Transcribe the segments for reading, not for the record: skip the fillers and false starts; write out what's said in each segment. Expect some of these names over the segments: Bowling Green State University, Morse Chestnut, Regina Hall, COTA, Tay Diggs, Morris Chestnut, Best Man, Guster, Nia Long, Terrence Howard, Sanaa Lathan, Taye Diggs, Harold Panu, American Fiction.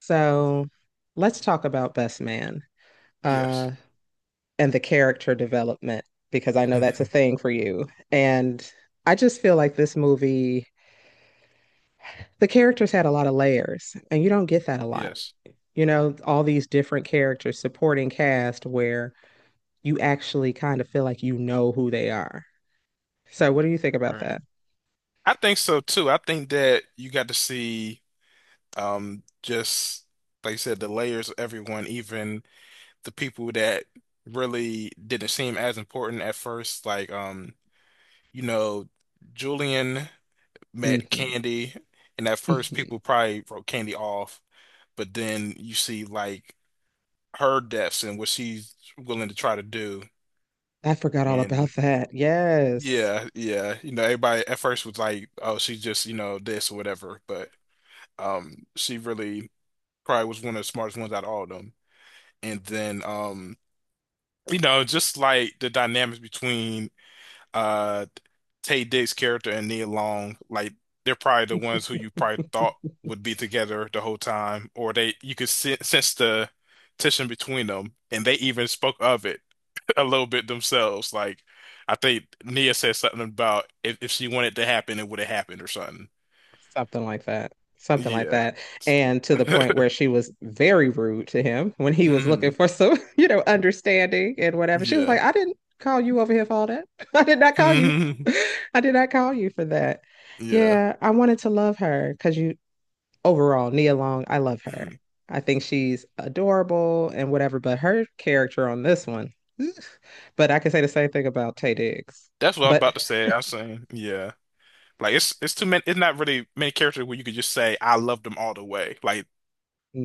So let's talk about Best Man, Yes. uh, and the character development, because I know that's a thing for you. And I just feel like this movie, the characters had a lot of layers, and you don't get that a lot. Yes. You know, all these different characters, supporting cast, where you actually kind of feel like you know who they are. So, what do you think about Right. that? I think so too. I think that you got to see just like you said, the layers of everyone, even the people that really didn't seem as important at first. Like you know, Julian met Hmm. Candy, and at first Hmm. people probably wrote Candy off, but then you see like her depths and what she's willing to try to do. I forgot all about that. Yes. Yeah. You know, everybody at first was like, "Oh, she's just, you know, this or whatever," but she really probably was one of the smartest ones out of all of them. And then you know, just like the dynamics between uh Tay Dick's character and Nia Long, like they're probably the ones who you probably thought would be together the whole time, or they you could sense the tension between them, and they even spoke of it a little bit themselves. Like I think Nia said something about if she wanted to happen, it would have happened or something. something like that, something like Yeah. that. And to the point where she was very rude to him when he was looking Mhm. for some, understanding and whatever. She was like, Yeah. "I didn't call you over here for all that. I did not call you. Mhm. I did not call you for that." Yeah. Yeah, I wanted to love her because, you, overall, Nia Long, I love her. Mhm. I think she's adorable and whatever, but her character on this one. But I can say the same thing about Tay Diggs. That's what I was But about to say. I was saying, yeah. Like it's too many, it's not really many characters where you could just say I love them all the way. Like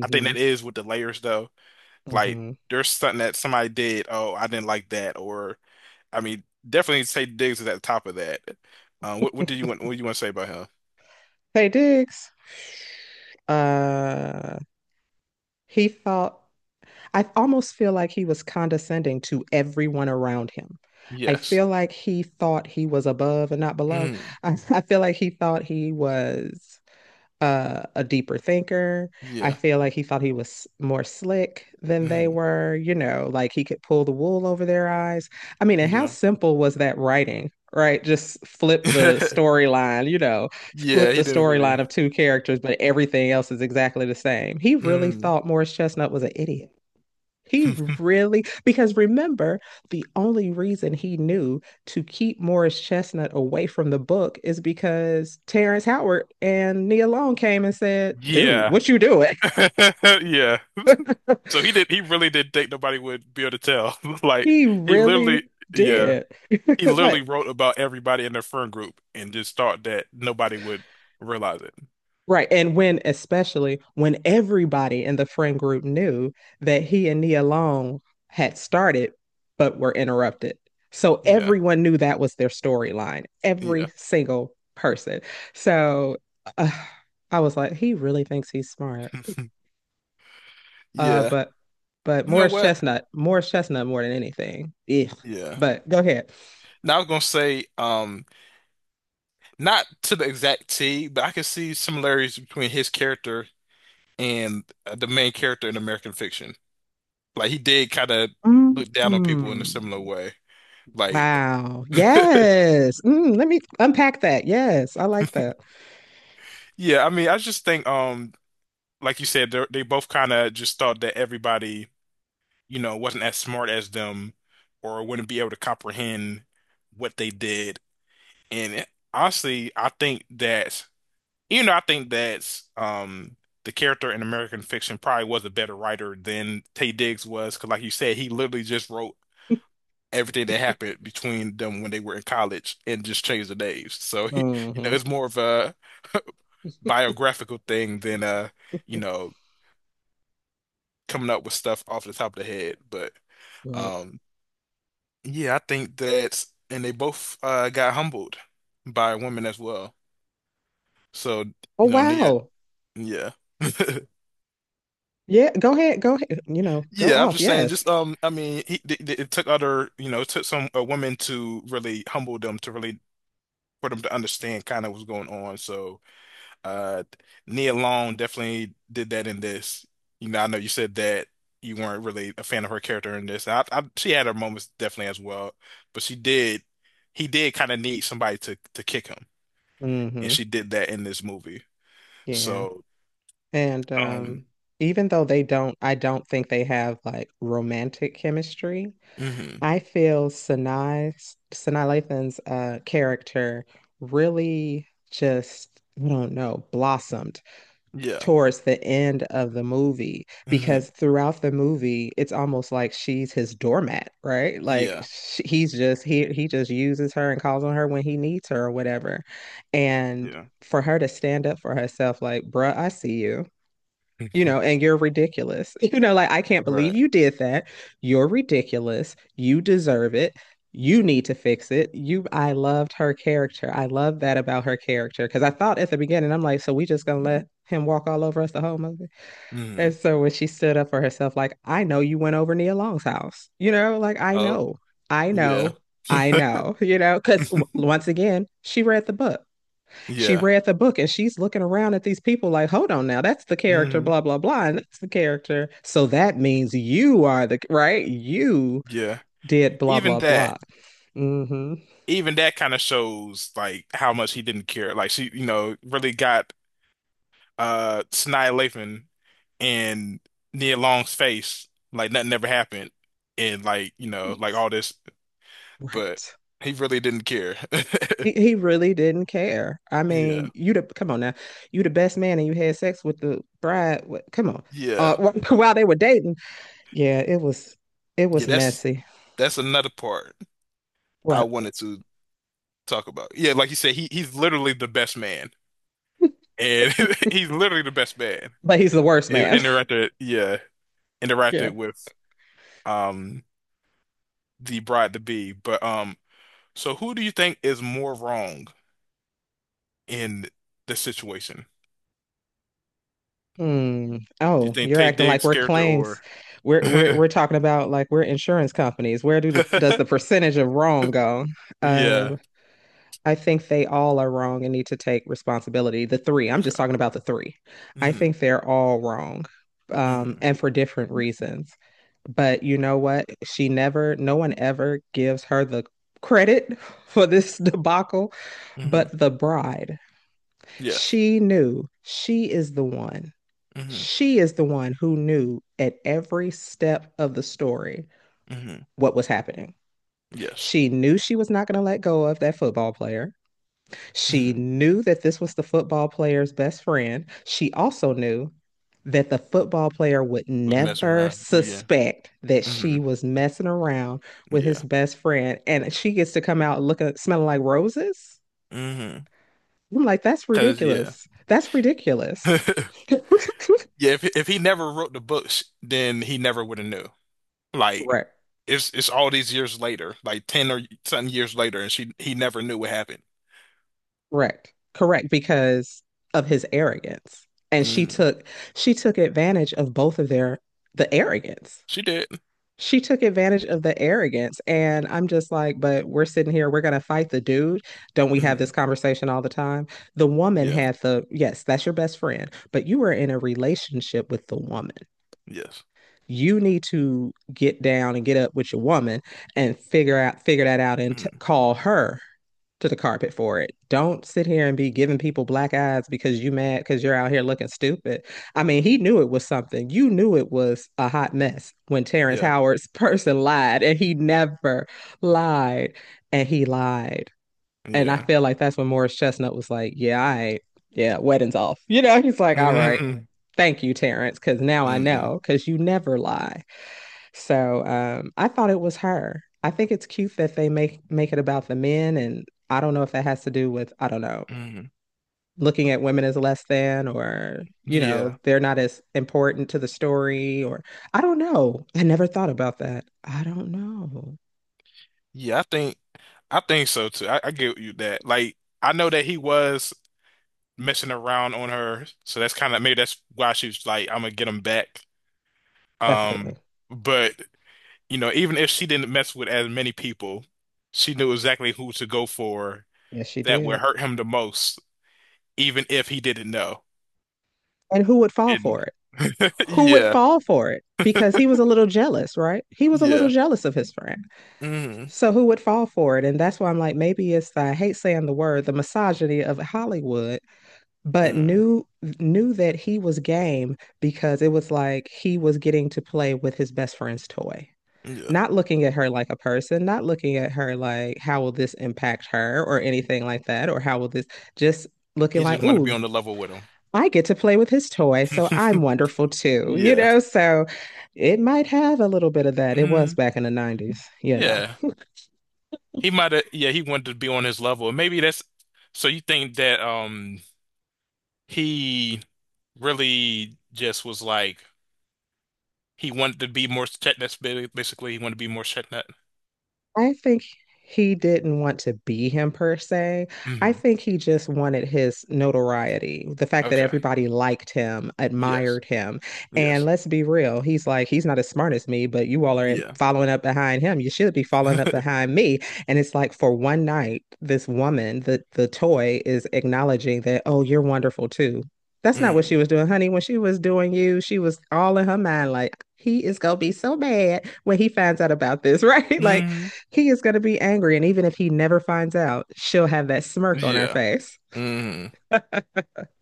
I think that is with the layers though. Like mm-hmm. there's something that somebody did, oh, I didn't like that, or I mean, definitely say Diggs is at the top of that. What do you want what do you want to say about him? Tay Diggs, uh he felt, I almost feel like he was condescending to everyone around him. I Yes. feel like he thought he was above and not below. Mm. I feel like he thought he was a deeper thinker. I Yeah. feel like he thought he was more slick than they Mm. were, you know, like he could pull the wool over their eyes. I mean, and how Yeah. simple was that writing, right? Just flip the storyline, you know, Yeah, flip the he didn't storyline really. of two characters, but everything else is exactly the same. He really Mm. thought Morris Chestnut was an idiot. He really, because remember, the only reason he knew to keep Morris Chestnut away from the book is because Terrence Howard and Nia Long came and said, "Dude, Yeah. what you doing?" Yeah. So he really didn't think nobody would be able to tell. Like He he really literally yeah. did. He literally Like, wrote about everybody in their friend group and just thought that nobody would realize it. right. And when, especially when everybody in the friend group knew that he and Nia Long had started but were interrupted. So Yeah. everyone knew that was their storyline, Yeah. every single person. So, uh, I was like, he really thinks he's smart. Uh, Yeah. but but You know Morris what? Chestnut, Morris Chestnut more than anything. Ugh. Yeah. But go ahead. Now I was gonna say, not to the exact T, but I can see similarities between his character and the main character in American Fiction. Like he did kind of look down on people in a Mm. similar way. Like, Wow. Yes. Mm, let me unpack that. Yes, I like that. yeah. I mean, I just think, like you said, they both kind of just thought that everybody, you know, wasn't as smart as them, or wouldn't be able to comprehend what they did. And honestly, I think that. You know, I think that's, the character in American fiction probably was a better writer than Tay Diggs was, because like you said, he literally just wrote everything that happened between them when they were in college and just changed the names. So you know, Hmm. it's more of a biographical thing than you know, coming up with stuff off the top of the head. But Right. um, yeah, I think that's, and they both got humbled by women as well. So Oh, you know, Nia, wow. yeah. Yeah, go ahead, you know, go Yeah, I'm off. just saying, Yes. just I mean, it took other, you know, it took some women to really humble them to really for them to understand kind of what's going on. So, uh, Nia Long definitely did that in this. You know, I know you said that you weren't really a fan of her character in this. I she had her moments definitely as well, but she did, he did kind of need somebody to kick him, and Hmm. she did that in this movie. Yeah. So, And um, even though they don't, I don't think they have like romantic chemistry, mhm. I feel Sanai's Sanaa Lathan's character really just, I don't know, blossomed Yeah, towards the end of the movie, hmm because throughout the movie it's almost like she's his doormat, right? Like yeah, sh he's just, he just uses her and calls on her when he needs her or whatever. And yeah, for her to stand up for herself, like, bruh, I see you, you know, and you're ridiculous. You know, like, I can't believe right. you did that. You're ridiculous. You deserve it. You need to fix it. You, I loved her character. I love that about her character because I thought at the beginning, I'm like, so we just gonna let him walk all over us the whole movie. And Mhm. so when she stood up for herself, like, I know you went over Nia Long's house. You know, like, I Oh, know, I yeah. know, I know, you know, because once again, she read the book, she Yeah. read the book, and she's looking around at these people like, hold on now, that's the character, Hmm. blah, blah, blah. And that's the character. So that means you are the right. You Yeah. did blah, Even blah, that, blah. Mm-hmm. even that kind of shows like how much he didn't care. Like she, you know, really got Sanaa Lathan and Nia Long's face like nothing ever happened and like, you know, like Right. all this, but Right. he really didn't care. He really didn't care. I Yeah. mean, you the, come on now, you the best man and you had sex with the bride. What, come on. Yeah. Uh, while they were dating, yeah, it was, it was Yeah, that's messy. that's another part I What? wanted to talk about. Yeah, like you said, he he's literally the best man. And he's literally the best man. But he's the worst It man. interacted, yeah, yeah. interacted with um the bride to be. But so who do you think is more wrong in the situation? Hmm. Do you Oh, think you're Tay acting like Diggs' we're character claims. or We're talking about like we're insurance companies. Where do the, does the percentage of wrong go? yeah. Um, I think they all are wrong and need to take responsibility. The three. I'm just Okay. talking about the three. I Hmm. think they're all wrong, Hmm. and for different reasons. But you know what? She never. No one ever gives her the credit for this debacle, Hmm. but the bride. Yes. She knew, she is the one, Hmm. she is the one who knew at every step of the story Hmm. what was happening. Yes. She knew she was not going to let go of that football player. She Hmm. knew that this was the football player's best friend. She also knew that the football player would Was messing never around. Yeah. suspect that Hmm. she was messing around with his Yeah. best friend. And she gets to come out looking, smelling like roses. Hmm. I'm like, that's Cause yeah. ridiculous. That's ridiculous. Yeah, if he never wrote the books, then he never would have knew. Like Right. it's all these years later, like ten or something years later, and she he never knew what happened. Correct. Correct. Because of his arrogance. And she Mm, took, she took advantage of both of their, the arrogance. she did. She took advantage of the arrogance. And I'm just like, but we're sitting here, we're gonna fight the dude. Don't we have this Mm, conversation all the time? The woman yeah. had the, yes, that's your best friend, but you were in a relationship with the woman. Yes. You need to get down and get up with your woman and figure out, figure that out, and Mm, call her to the carpet for it. Don't sit here and be giving people black eyes because you mad because you're out here looking stupid. I mean, he knew it was something. You knew it was a hot mess when Terrence yeah. Howard's person lied, and he never lied, and he lied. And I Yeah. feel like that's when Morris Chestnut was like, "Yeah, I, yeah, wedding's off." You know, he's like, "All right, Mm, thank you, Terrence, because now I mm, know because you never lie." So I thought it was her. I think it's cute that they make it about the men, and I don't know if that has to do with, I don't know, mm, looking at women as less than, or, you know, yeah. they're not as important to the story, or I don't know. I never thought about that. I don't know. Yeah. I think so too. I get you that. Like I know that he was messing around on her, so that's kind of maybe that's why she was like, I'm gonna get him back. Um, Definitely. but you know, even if she didn't mess with as many people, she knew exactly who to go for Yes, she that would did. hurt him the most, even if he didn't know. And who would fall And for it? Who would yeah, fall for it? Because he was a little jealous, right? He was a little yeah. jealous of his friend. Mm, So who would fall for it? And that's why I'm like, maybe it's the, I hate saying the word, the misogyny of Hollywood, but mm, knew, knew that he was game because it was like he was getting to play with his best friend's toy. yeah. Not looking at her like a person, not looking at her like how will this impact her or anything like that, or how will this, just looking He just like, wanted to be ooh, on the level with him. I get to play with his toy, so I'm wonderful too, you Yeah. know? So it might have a little bit of that. It was Mm, back in the 90s, you know. yeah. He might have, yeah, he wanted to be on his level. Maybe that's, so you think that he really just was like he wanted to be more Chetnut, basically he wanted to be more Chetnut. I think he didn't want to be him per se. I Hmm. think he just wanted his notoriety, the fact that Okay. everybody liked him, Yes. admired him. And Yes. let's be real, he's like, he's not as smart as me, but you all are Yeah. following up behind him. You should be following up behind me. And it's like for one night, this woman, the toy is acknowledging that, oh, you're wonderful too. That's not what she Mm. was doing, honey. When she was doing you, she was all in her mind, like, he is gonna be so mad when he finds out about this, right? like, Hmm. he is gonna be angry. And even if he never finds out, she'll have that smirk on her Yeah. face. Mm,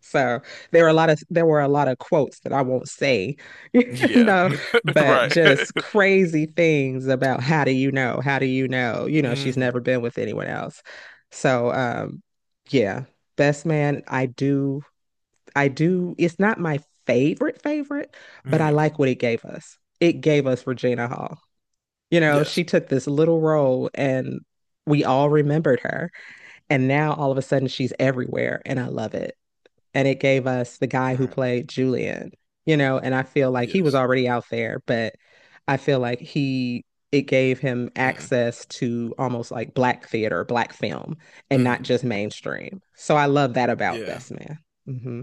So there were a lot of quotes that I won't say, you yeah. know, but Right. just crazy things about, how do you know? How do you know? You know, she's never Mm, been with anyone else. So um, yeah, Best Man, I do, it's not my favorite favorite, but I mm, like what it gave us. It gave us Regina Hall. You know, yes. she took this little role and we all remembered her. And now all of a sudden she's everywhere and I love it, and it gave us the guy All who right. played Julian, you know, and I feel like he was Yes. already out there, but I feel like he, it gave him Mm, access to almost like black theater, black film, and not mm, just mainstream. So I love that about yeah. Best Man. Mm-hmm.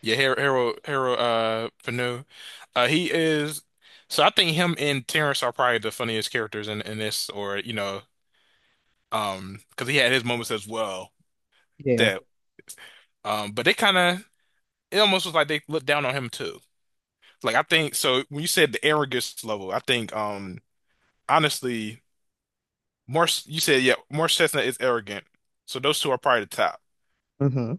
Yeah, Harold Panu. He is so I think him and Terrence are probably the funniest characters in this or you know because he had his moments as well Yeah. that but they kind of it almost was like they looked down on him too. Like I think so when you said the arrogance level, I think honestly Morse, you said, yeah, Morse Chestnut is arrogant. So those two are probably the top. Mm-hmm.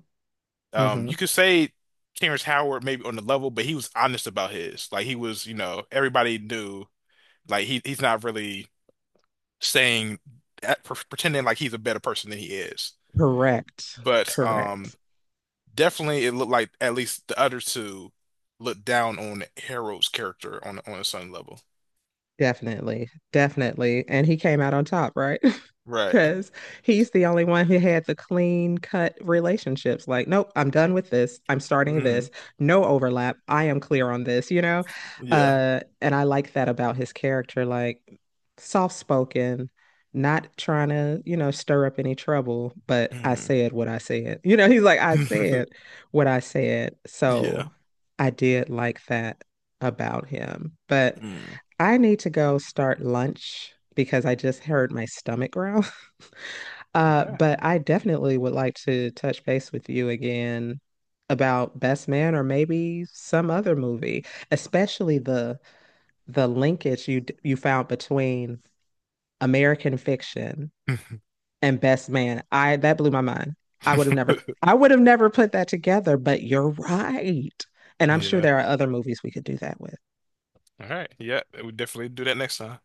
Mm-hmm. You could say Terrence Howard maybe on the level, but he was honest about his. Like he was, you know, everybody knew. Like he's not really saying that, pretending like he's a better person than he is. Correct. But Correct. definitely it looked like at least the other two looked down on Harold's character on a certain level. Definitely. Definitely. And he came out on top, right? Right. Because he's the only one who had the clean cut relationships. Like, nope, I'm done with this. I'm starting Hmm. this. No overlap. I am clear on this, you know? Yeah. And I like that about his character, like, soft spoken, not trying to, you know, stir up any trouble, but I Hmm. said what I said. You know, he's like, I said what I said. Yeah. So I did like that about him. But Mm. I need to go start lunch because I just heard my stomach growl. Okay. But I definitely would like to touch base with you again about Best Man or maybe some other movie, especially the, linkage you you found between American Fiction and Best Man. I, that blew my mind. I would have never I would have never put that together, but you're right. And I'm sure Yeah. there are other movies we could do that with. All right. Yeah, we definitely do that next time.